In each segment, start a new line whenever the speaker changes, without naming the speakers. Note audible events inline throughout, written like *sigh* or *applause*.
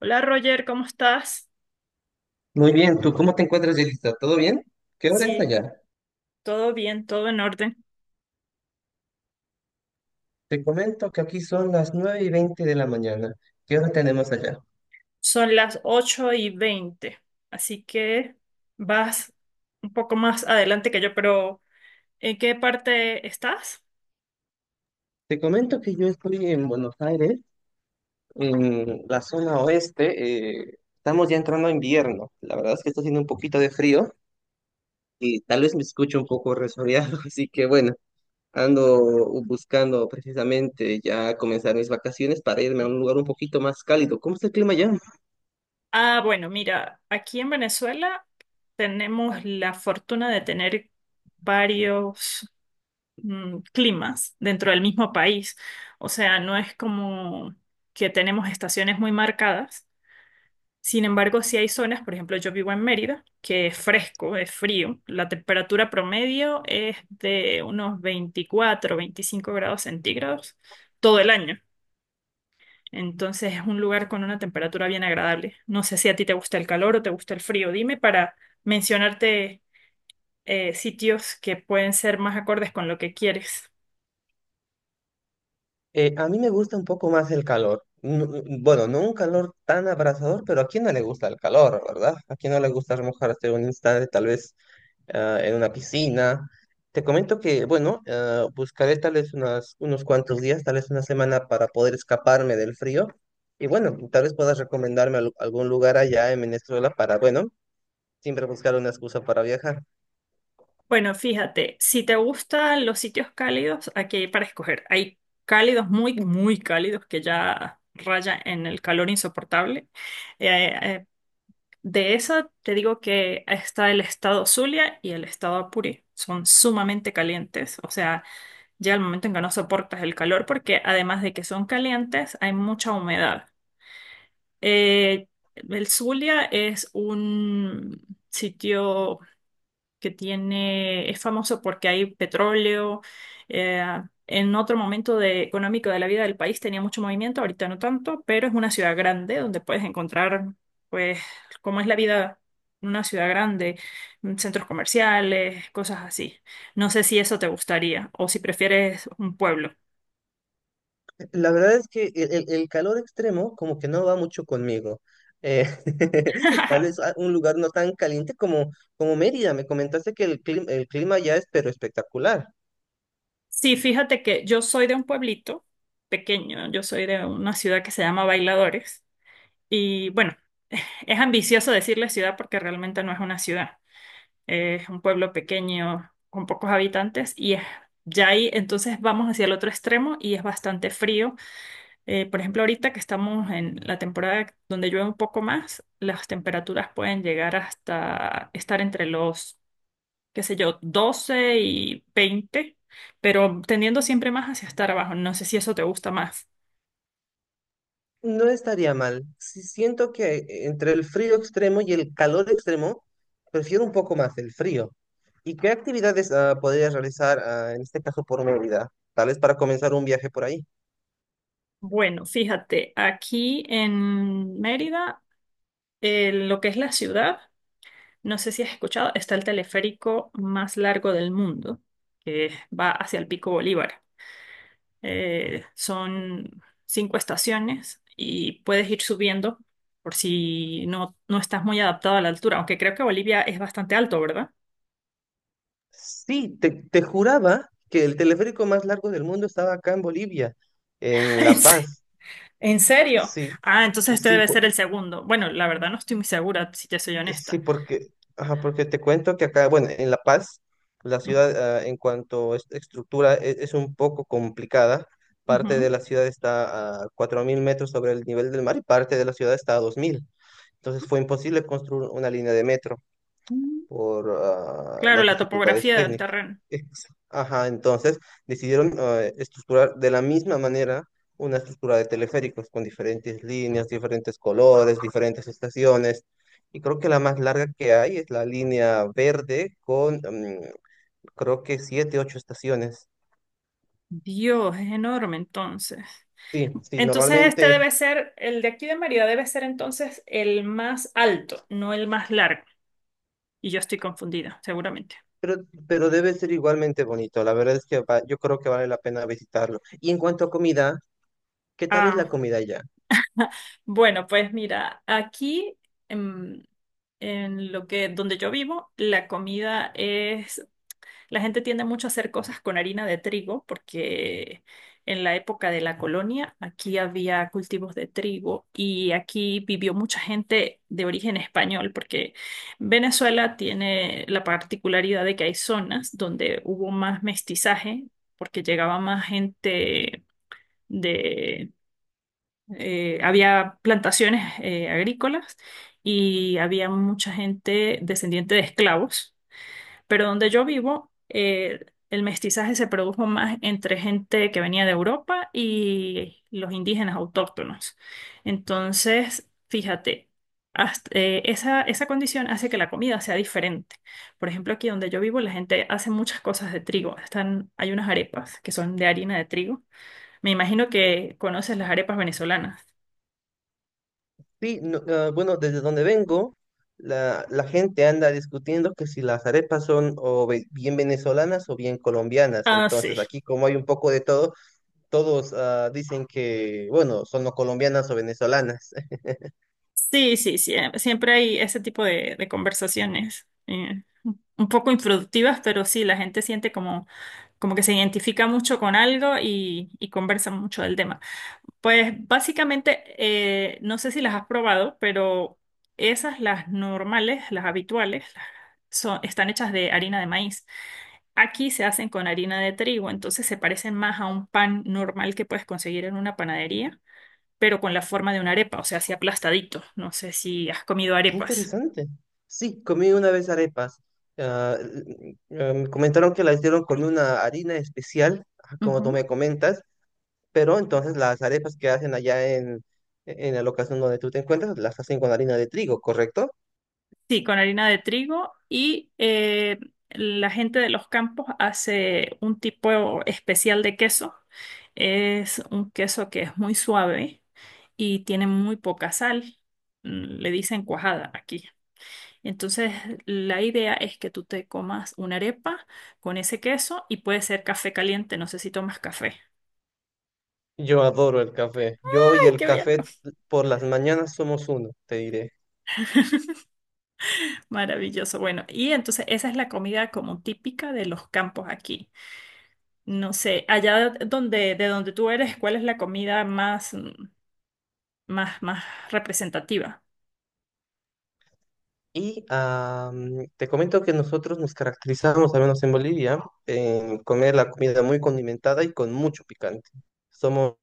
Hola Roger, ¿cómo estás?
Muy bien, ¿tú cómo te encuentras, Yelitza? ¿Todo bien? ¿Qué hora es
Sí,
allá?
todo bien, todo en orden.
Te comento que aquí son las 9:20 de la mañana. ¿Qué hora tenemos allá?
Son las 8:20, así que vas un poco más adelante que yo, pero ¿en qué parte estás?
Te comento que yo estoy en Buenos Aires, en la zona oeste. Estamos ya entrando a invierno. La verdad es que está haciendo un poquito de frío y tal vez me escucho un poco resfriado, *laughs* así que bueno, ando buscando precisamente ya comenzar mis vacaciones para irme a un lugar un poquito más cálido. ¿Cómo está el clima allá?
Ah, bueno, mira, aquí en Venezuela tenemos la fortuna de tener varios climas dentro del mismo país. O sea, no es como que tenemos estaciones muy marcadas. Sin embargo, si hay zonas, por ejemplo, yo vivo en Mérida, que es fresco, es frío. La temperatura promedio es de unos 24, 25 grados centígrados todo el año. Entonces es un lugar con una temperatura bien agradable. No sé si a ti te gusta el calor o te gusta el frío. Dime para mencionarte sitios que pueden ser más acordes con lo que quieres.
A mí me gusta un poco más el calor. Bueno, no un calor tan abrasador, pero ¿a quién no le gusta el calor, ¿verdad? ¿A quién no le gusta remojarse un instante, tal vez en una piscina? Te comento que, bueno, buscaré tal vez unos cuantos días, tal vez una semana para poder escaparme del frío. Y bueno, tal vez puedas recomendarme algún lugar allá en Venezuela para, bueno, siempre buscar una excusa para viajar.
Bueno, fíjate, si te gustan los sitios cálidos, aquí hay para escoger. Hay cálidos muy, muy cálidos que ya raya en el calor insoportable. Eh, eh, de eso te digo que está el estado Zulia y el estado Apure. Son sumamente calientes. O sea, llega el momento en que no soportas el calor porque además de que son calientes, hay mucha humedad. Eh, el Zulia es un sitio es famoso porque hay petróleo. eh, en otro momento económico de la vida del país tenía mucho movimiento, ahorita no tanto, pero es una ciudad grande donde puedes encontrar, pues, cómo es la vida en una ciudad grande, centros comerciales, cosas así. No sé si eso te gustaría o si prefieres un pueblo.
La verdad es que el calor extremo como que no va mucho conmigo. Eh, *laughs* tal vez
*laughs*
un lugar no tan caliente como Mérida. Me comentaste que el clima ya es pero espectacular.
Sí, fíjate que yo soy de un pueblito pequeño, yo soy de una ciudad que se llama Bailadores y bueno, es ambicioso decirle ciudad porque realmente no es una ciudad. Es un pueblo pequeño con pocos habitantes y es ya ahí. Entonces vamos hacia el otro extremo y es bastante frío. Por ejemplo, ahorita que estamos en la temporada donde llueve un poco más, las temperaturas pueden llegar hasta estar entre los, qué sé yo, 12 y 20, pero tendiendo siempre más hacia estar abajo. No sé si eso te gusta más.
No estaría mal. Sí, siento que entre el frío extremo y el calor extremo, prefiero un poco más el frío. ¿Y qué actividades podrías realizar en este caso por Mérida? Tal vez para comenzar un viaje por ahí.
Bueno, fíjate, aquí en Mérida, lo que es la ciudad. No sé si has escuchado, está el teleférico más largo del mundo, que va hacia el Pico Bolívar. Son cinco estaciones y puedes ir subiendo por si no estás muy adaptado a la altura, aunque creo que Bolivia es bastante alto, ¿verdad?
Sí, te juraba que el teleférico más largo del mundo estaba acá en Bolivia,
*laughs*
en
¿En
La
se-
Paz.
en serio?
Sí,
Ah, entonces este
sí,
debe ser el segundo. Bueno, la verdad no estoy muy segura, si te soy
sí,
honesta.
porque, ajá, porque te cuento que acá, bueno, en La Paz, la ciudad, en cuanto a estructura es, un poco complicada. Parte de
Ujú.
la ciudad está a 4.000 metros sobre el nivel del mar y parte de la ciudad está a 2.000. Entonces fue imposible construir una línea de metro, por
Claro,
las
la
dificultades
topografía del
técnicas.
terreno.
Ajá, entonces decidieron estructurar de la misma manera una estructura de teleféricos con diferentes líneas, diferentes colores, diferentes estaciones. Y creo que la más larga que hay es la línea verde con creo que siete, ocho estaciones.
Dios, es enorme entonces.
Sí, sí,
Entonces este
normalmente,
debe ser, el de aquí de Mérida debe ser entonces el más alto, no el más largo. Y yo estoy confundida, seguramente.
pero, pero debe ser igualmente bonito. La verdad es que yo creo que vale la pena visitarlo. Y en cuanto a comida, ¿qué tal es la
Ah,
comida allá?
bueno, pues mira, aquí en, en lo que, donde yo vivo, la comida es... La gente tiende mucho a hacer cosas con harina de trigo porque en la época de la colonia aquí había cultivos de trigo y aquí vivió mucha gente de origen español porque Venezuela tiene la particularidad de que hay zonas donde hubo más mestizaje porque llegaba más gente de... había plantaciones agrícolas y había mucha gente descendiente de esclavos, pero donde yo vivo, el mestizaje se produjo más entre gente que venía de Europa y los indígenas autóctonos. Entonces, fíjate, esa condición hace que la comida sea diferente. Por ejemplo, aquí donde yo vivo, la gente hace muchas cosas de trigo. Están, hay unas arepas que son de harina de trigo. Me imagino que conoces las arepas venezolanas.
Sí, no, bueno, desde donde vengo, la gente anda discutiendo que si las arepas son o bien venezolanas o bien colombianas.
Ah, sí.
Entonces, aquí como hay un poco de todo, todos dicen que, bueno, son o colombianas o venezolanas. *laughs*
Sí, sí, sí. Siempre hay ese tipo de conversaciones. Un poco improductivas, pero sí, la gente siente como, como que se identifica mucho con algo y conversa mucho del tema. Pues básicamente, no sé si las has probado, pero esas, las normales, las habituales, están hechas de harina de maíz. Aquí se hacen con harina de trigo, entonces se parecen más a un pan normal que puedes conseguir en una panadería, pero con la forma de una arepa, o sea, así aplastadito. No sé si has comido
Qué
arepas.
interesante. Sí, comí una vez arepas. Me comentaron que las hicieron con una harina especial, como tú me comentas, pero entonces las arepas que hacen allá en, la locación donde tú te encuentras, las hacen con harina de trigo, ¿correcto?
Sí, con harina de trigo y la gente de los campos hace un tipo especial de queso. Es un queso que es muy suave y tiene muy poca sal. Le dicen cuajada aquí. Entonces, la idea es que tú te comas una arepa con ese queso y puede ser café caliente. No sé si tomas café.
Yo adoro el café. Yo y
¡Ay,
el
qué bien!
café por las mañanas somos uno, te diré.
*laughs* Maravilloso. Bueno, y entonces esa es la comida como típica de los campos aquí. No sé, allá donde, de donde tú eres, ¿cuál es la comida más representativa?
Y te comento que nosotros nos caracterizamos, al menos en Bolivia, en comer la comida muy condimentada y con mucho picante. Somos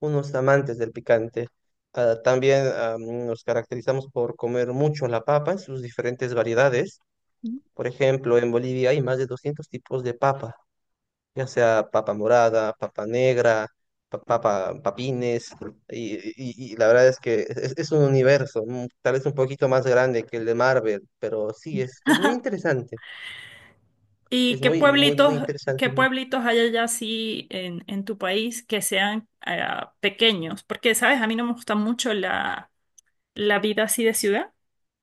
unos amantes del picante. Ah, también nos caracterizamos por comer mucho la papa en sus diferentes variedades. Por ejemplo, en Bolivia hay más de 200 tipos de papa, ya sea papa morada, papa negra, papa, papines, y la verdad es que es un universo, tal vez un poquito más grande que el de Marvel, pero sí, es muy
*laughs*
interesante,
¿Y
es muy, muy, muy
qué
interesante.
pueblitos hay allá así en tu país que sean pequeños? Porque, sabes, a mí no me gusta mucho la vida así de ciudad.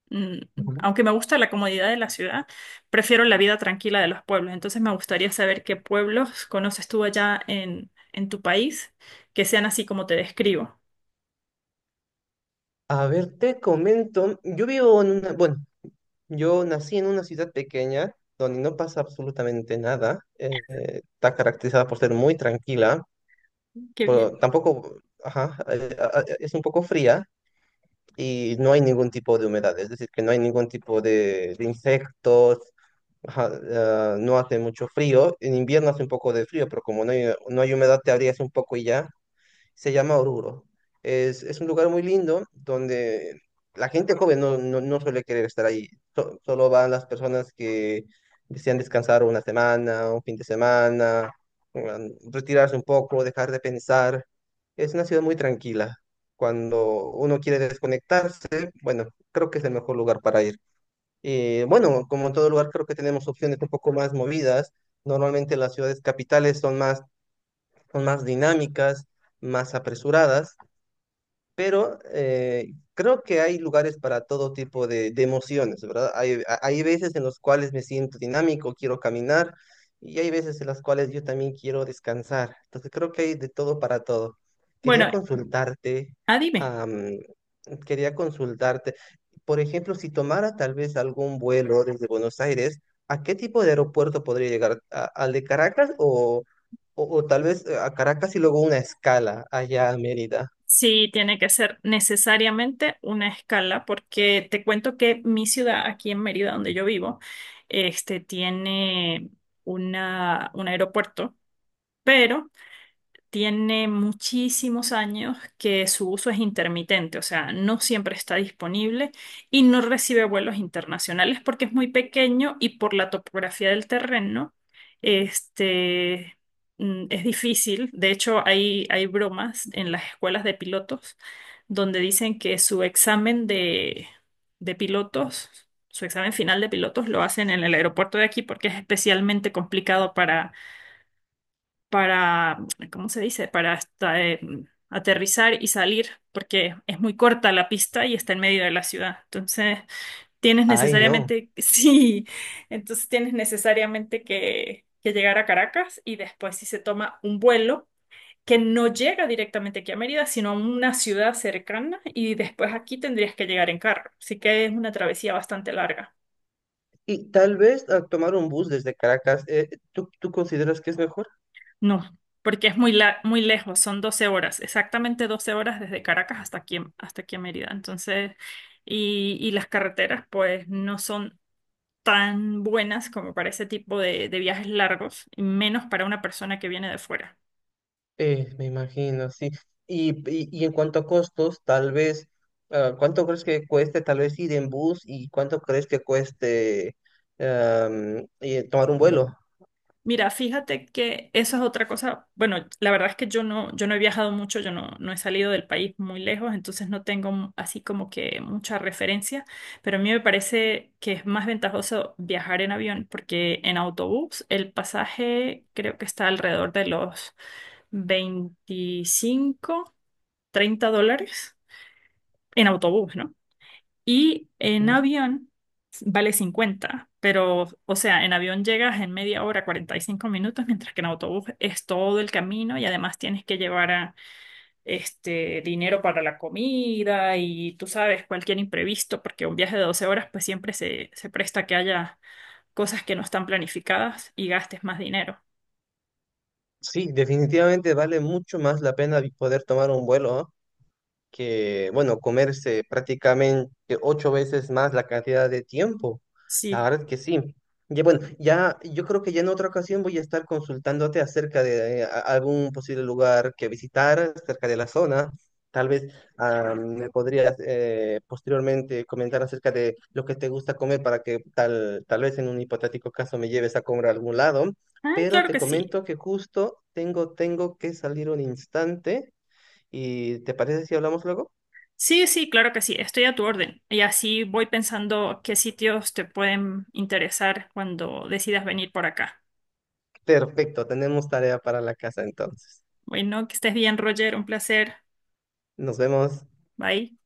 Mm,
Ujú.
Aunque me gusta la comodidad de la ciudad, prefiero la vida tranquila de los pueblos. Entonces me gustaría saber qué pueblos conoces tú allá en tu país que sean así como te describo.
A ver, te comento, yo vivo bueno, yo nací en una ciudad pequeña donde no pasa absolutamente nada, está caracterizada por ser muy tranquila,
Qué bien.
pero tampoco, ajá, es un poco fría, y no hay ningún tipo de humedad, es decir, que no hay ningún tipo de, insectos, ajá, no hace mucho frío, en invierno hace un poco de frío, pero como no hay, no hay humedad te abrías un poco y ya, se llama Oruro. Es un lugar muy lindo donde la gente joven no, no, no suele querer estar ahí. Solo van las personas que desean descansar una semana, un fin de semana, retirarse un poco, dejar de pensar. Es una ciudad muy tranquila. Cuando uno quiere desconectarse, bueno, creo que es el mejor lugar para ir. Bueno, como en todo lugar, creo que tenemos opciones un poco más movidas. Normalmente las ciudades capitales son más dinámicas, más apresuradas, pero creo que hay lugares para todo tipo de, emociones, ¿verdad? Hay veces en los cuales me siento dinámico, quiero caminar, y hay veces en las cuales yo también quiero descansar. Entonces creo que hay de todo para todo. Quería
Bueno,
consultarte,
ah, dime.
am, quería consultarte, por ejemplo, si tomara tal vez algún vuelo desde Buenos Aires, ¿a qué tipo de aeropuerto podría llegar? Al de Caracas o, tal vez a Caracas y luego una escala allá a Mérida?
Sí, tiene que ser necesariamente una escala, porque te cuento que mi ciudad, aquí en Mérida, donde yo vivo, este tiene un aeropuerto, pero tiene muchísimos años que su uso es intermitente, o sea, no siempre está disponible y no recibe vuelos internacionales porque es muy pequeño y por la topografía del terreno, este, es difícil. De hecho, hay bromas en las escuelas de pilotos donde dicen que su examen de pilotos, su examen final de pilotos lo hacen en el aeropuerto de aquí porque es especialmente complicado para, ¿cómo se dice? Para hasta, aterrizar y salir, porque es muy corta la pista y está en medio de la ciudad. Entonces, tienes
Ay, no.
necesariamente, *laughs* sí, entonces tienes necesariamente que llegar a Caracas y después si se toma un vuelo que no llega directamente aquí a Mérida, sino a una ciudad cercana y después aquí tendrías que llegar en carro. Así que es una travesía bastante larga.
Y tal vez a tomar un bus desde Caracas, ¿tú, consideras que es mejor?
No, porque es muy, muy lejos, son 12 horas, exactamente 12 horas desde Caracas hasta aquí a Mérida. Entonces, y las carreteras pues no son tan buenas como para ese tipo de viajes largos, y menos para una persona que viene de fuera.
Me imagino, sí. y en cuanto a costos, tal vez, ¿cuánto crees que cueste tal vez ir en bus y cuánto crees que cueste tomar un vuelo?
Mira, fíjate que eso es otra cosa. Bueno, la verdad es que yo no, he viajado mucho, yo no, no he salido del país muy lejos, entonces no tengo así como que mucha referencia, pero a mí me parece que es más ventajoso viajar en avión porque en autobús el pasaje creo que está alrededor de los 25, $30 en autobús, ¿no? Y en
Ujú.
avión vale 50 pero, o sea, en avión llegas en media hora, 45 minutos, mientras que en autobús es todo el camino y además tienes que llevar a, dinero para la comida y tú sabes, cualquier imprevisto, porque un viaje de 12 horas pues siempre se, se presta que haya cosas que no están planificadas y gastes más dinero.
Sí, definitivamente vale mucho más la pena poder tomar un vuelo, que, bueno, comerse prácticamente ocho veces más la cantidad de tiempo. La
Sí.
verdad que sí. Ya, bueno, ya, yo creo que ya en otra ocasión voy a estar consultándote acerca de algún posible lugar que visitar cerca de la zona. Tal vez me podrías posteriormente comentar acerca de lo que te gusta comer para que tal vez en un hipotético caso me lleves a comer a algún lado.
Ah,
Pero
claro
te
que sí.
comento que justo tengo que salir un instante. ¿Y te parece si hablamos luego?
Sí, sí, claro que sí, estoy a tu orden. Y así voy pensando qué sitios te pueden interesar cuando decidas venir por acá.
Perfecto, tenemos tarea para la casa entonces.
Bueno, que estés bien, Roger, un placer.
Nos vemos.
Bye.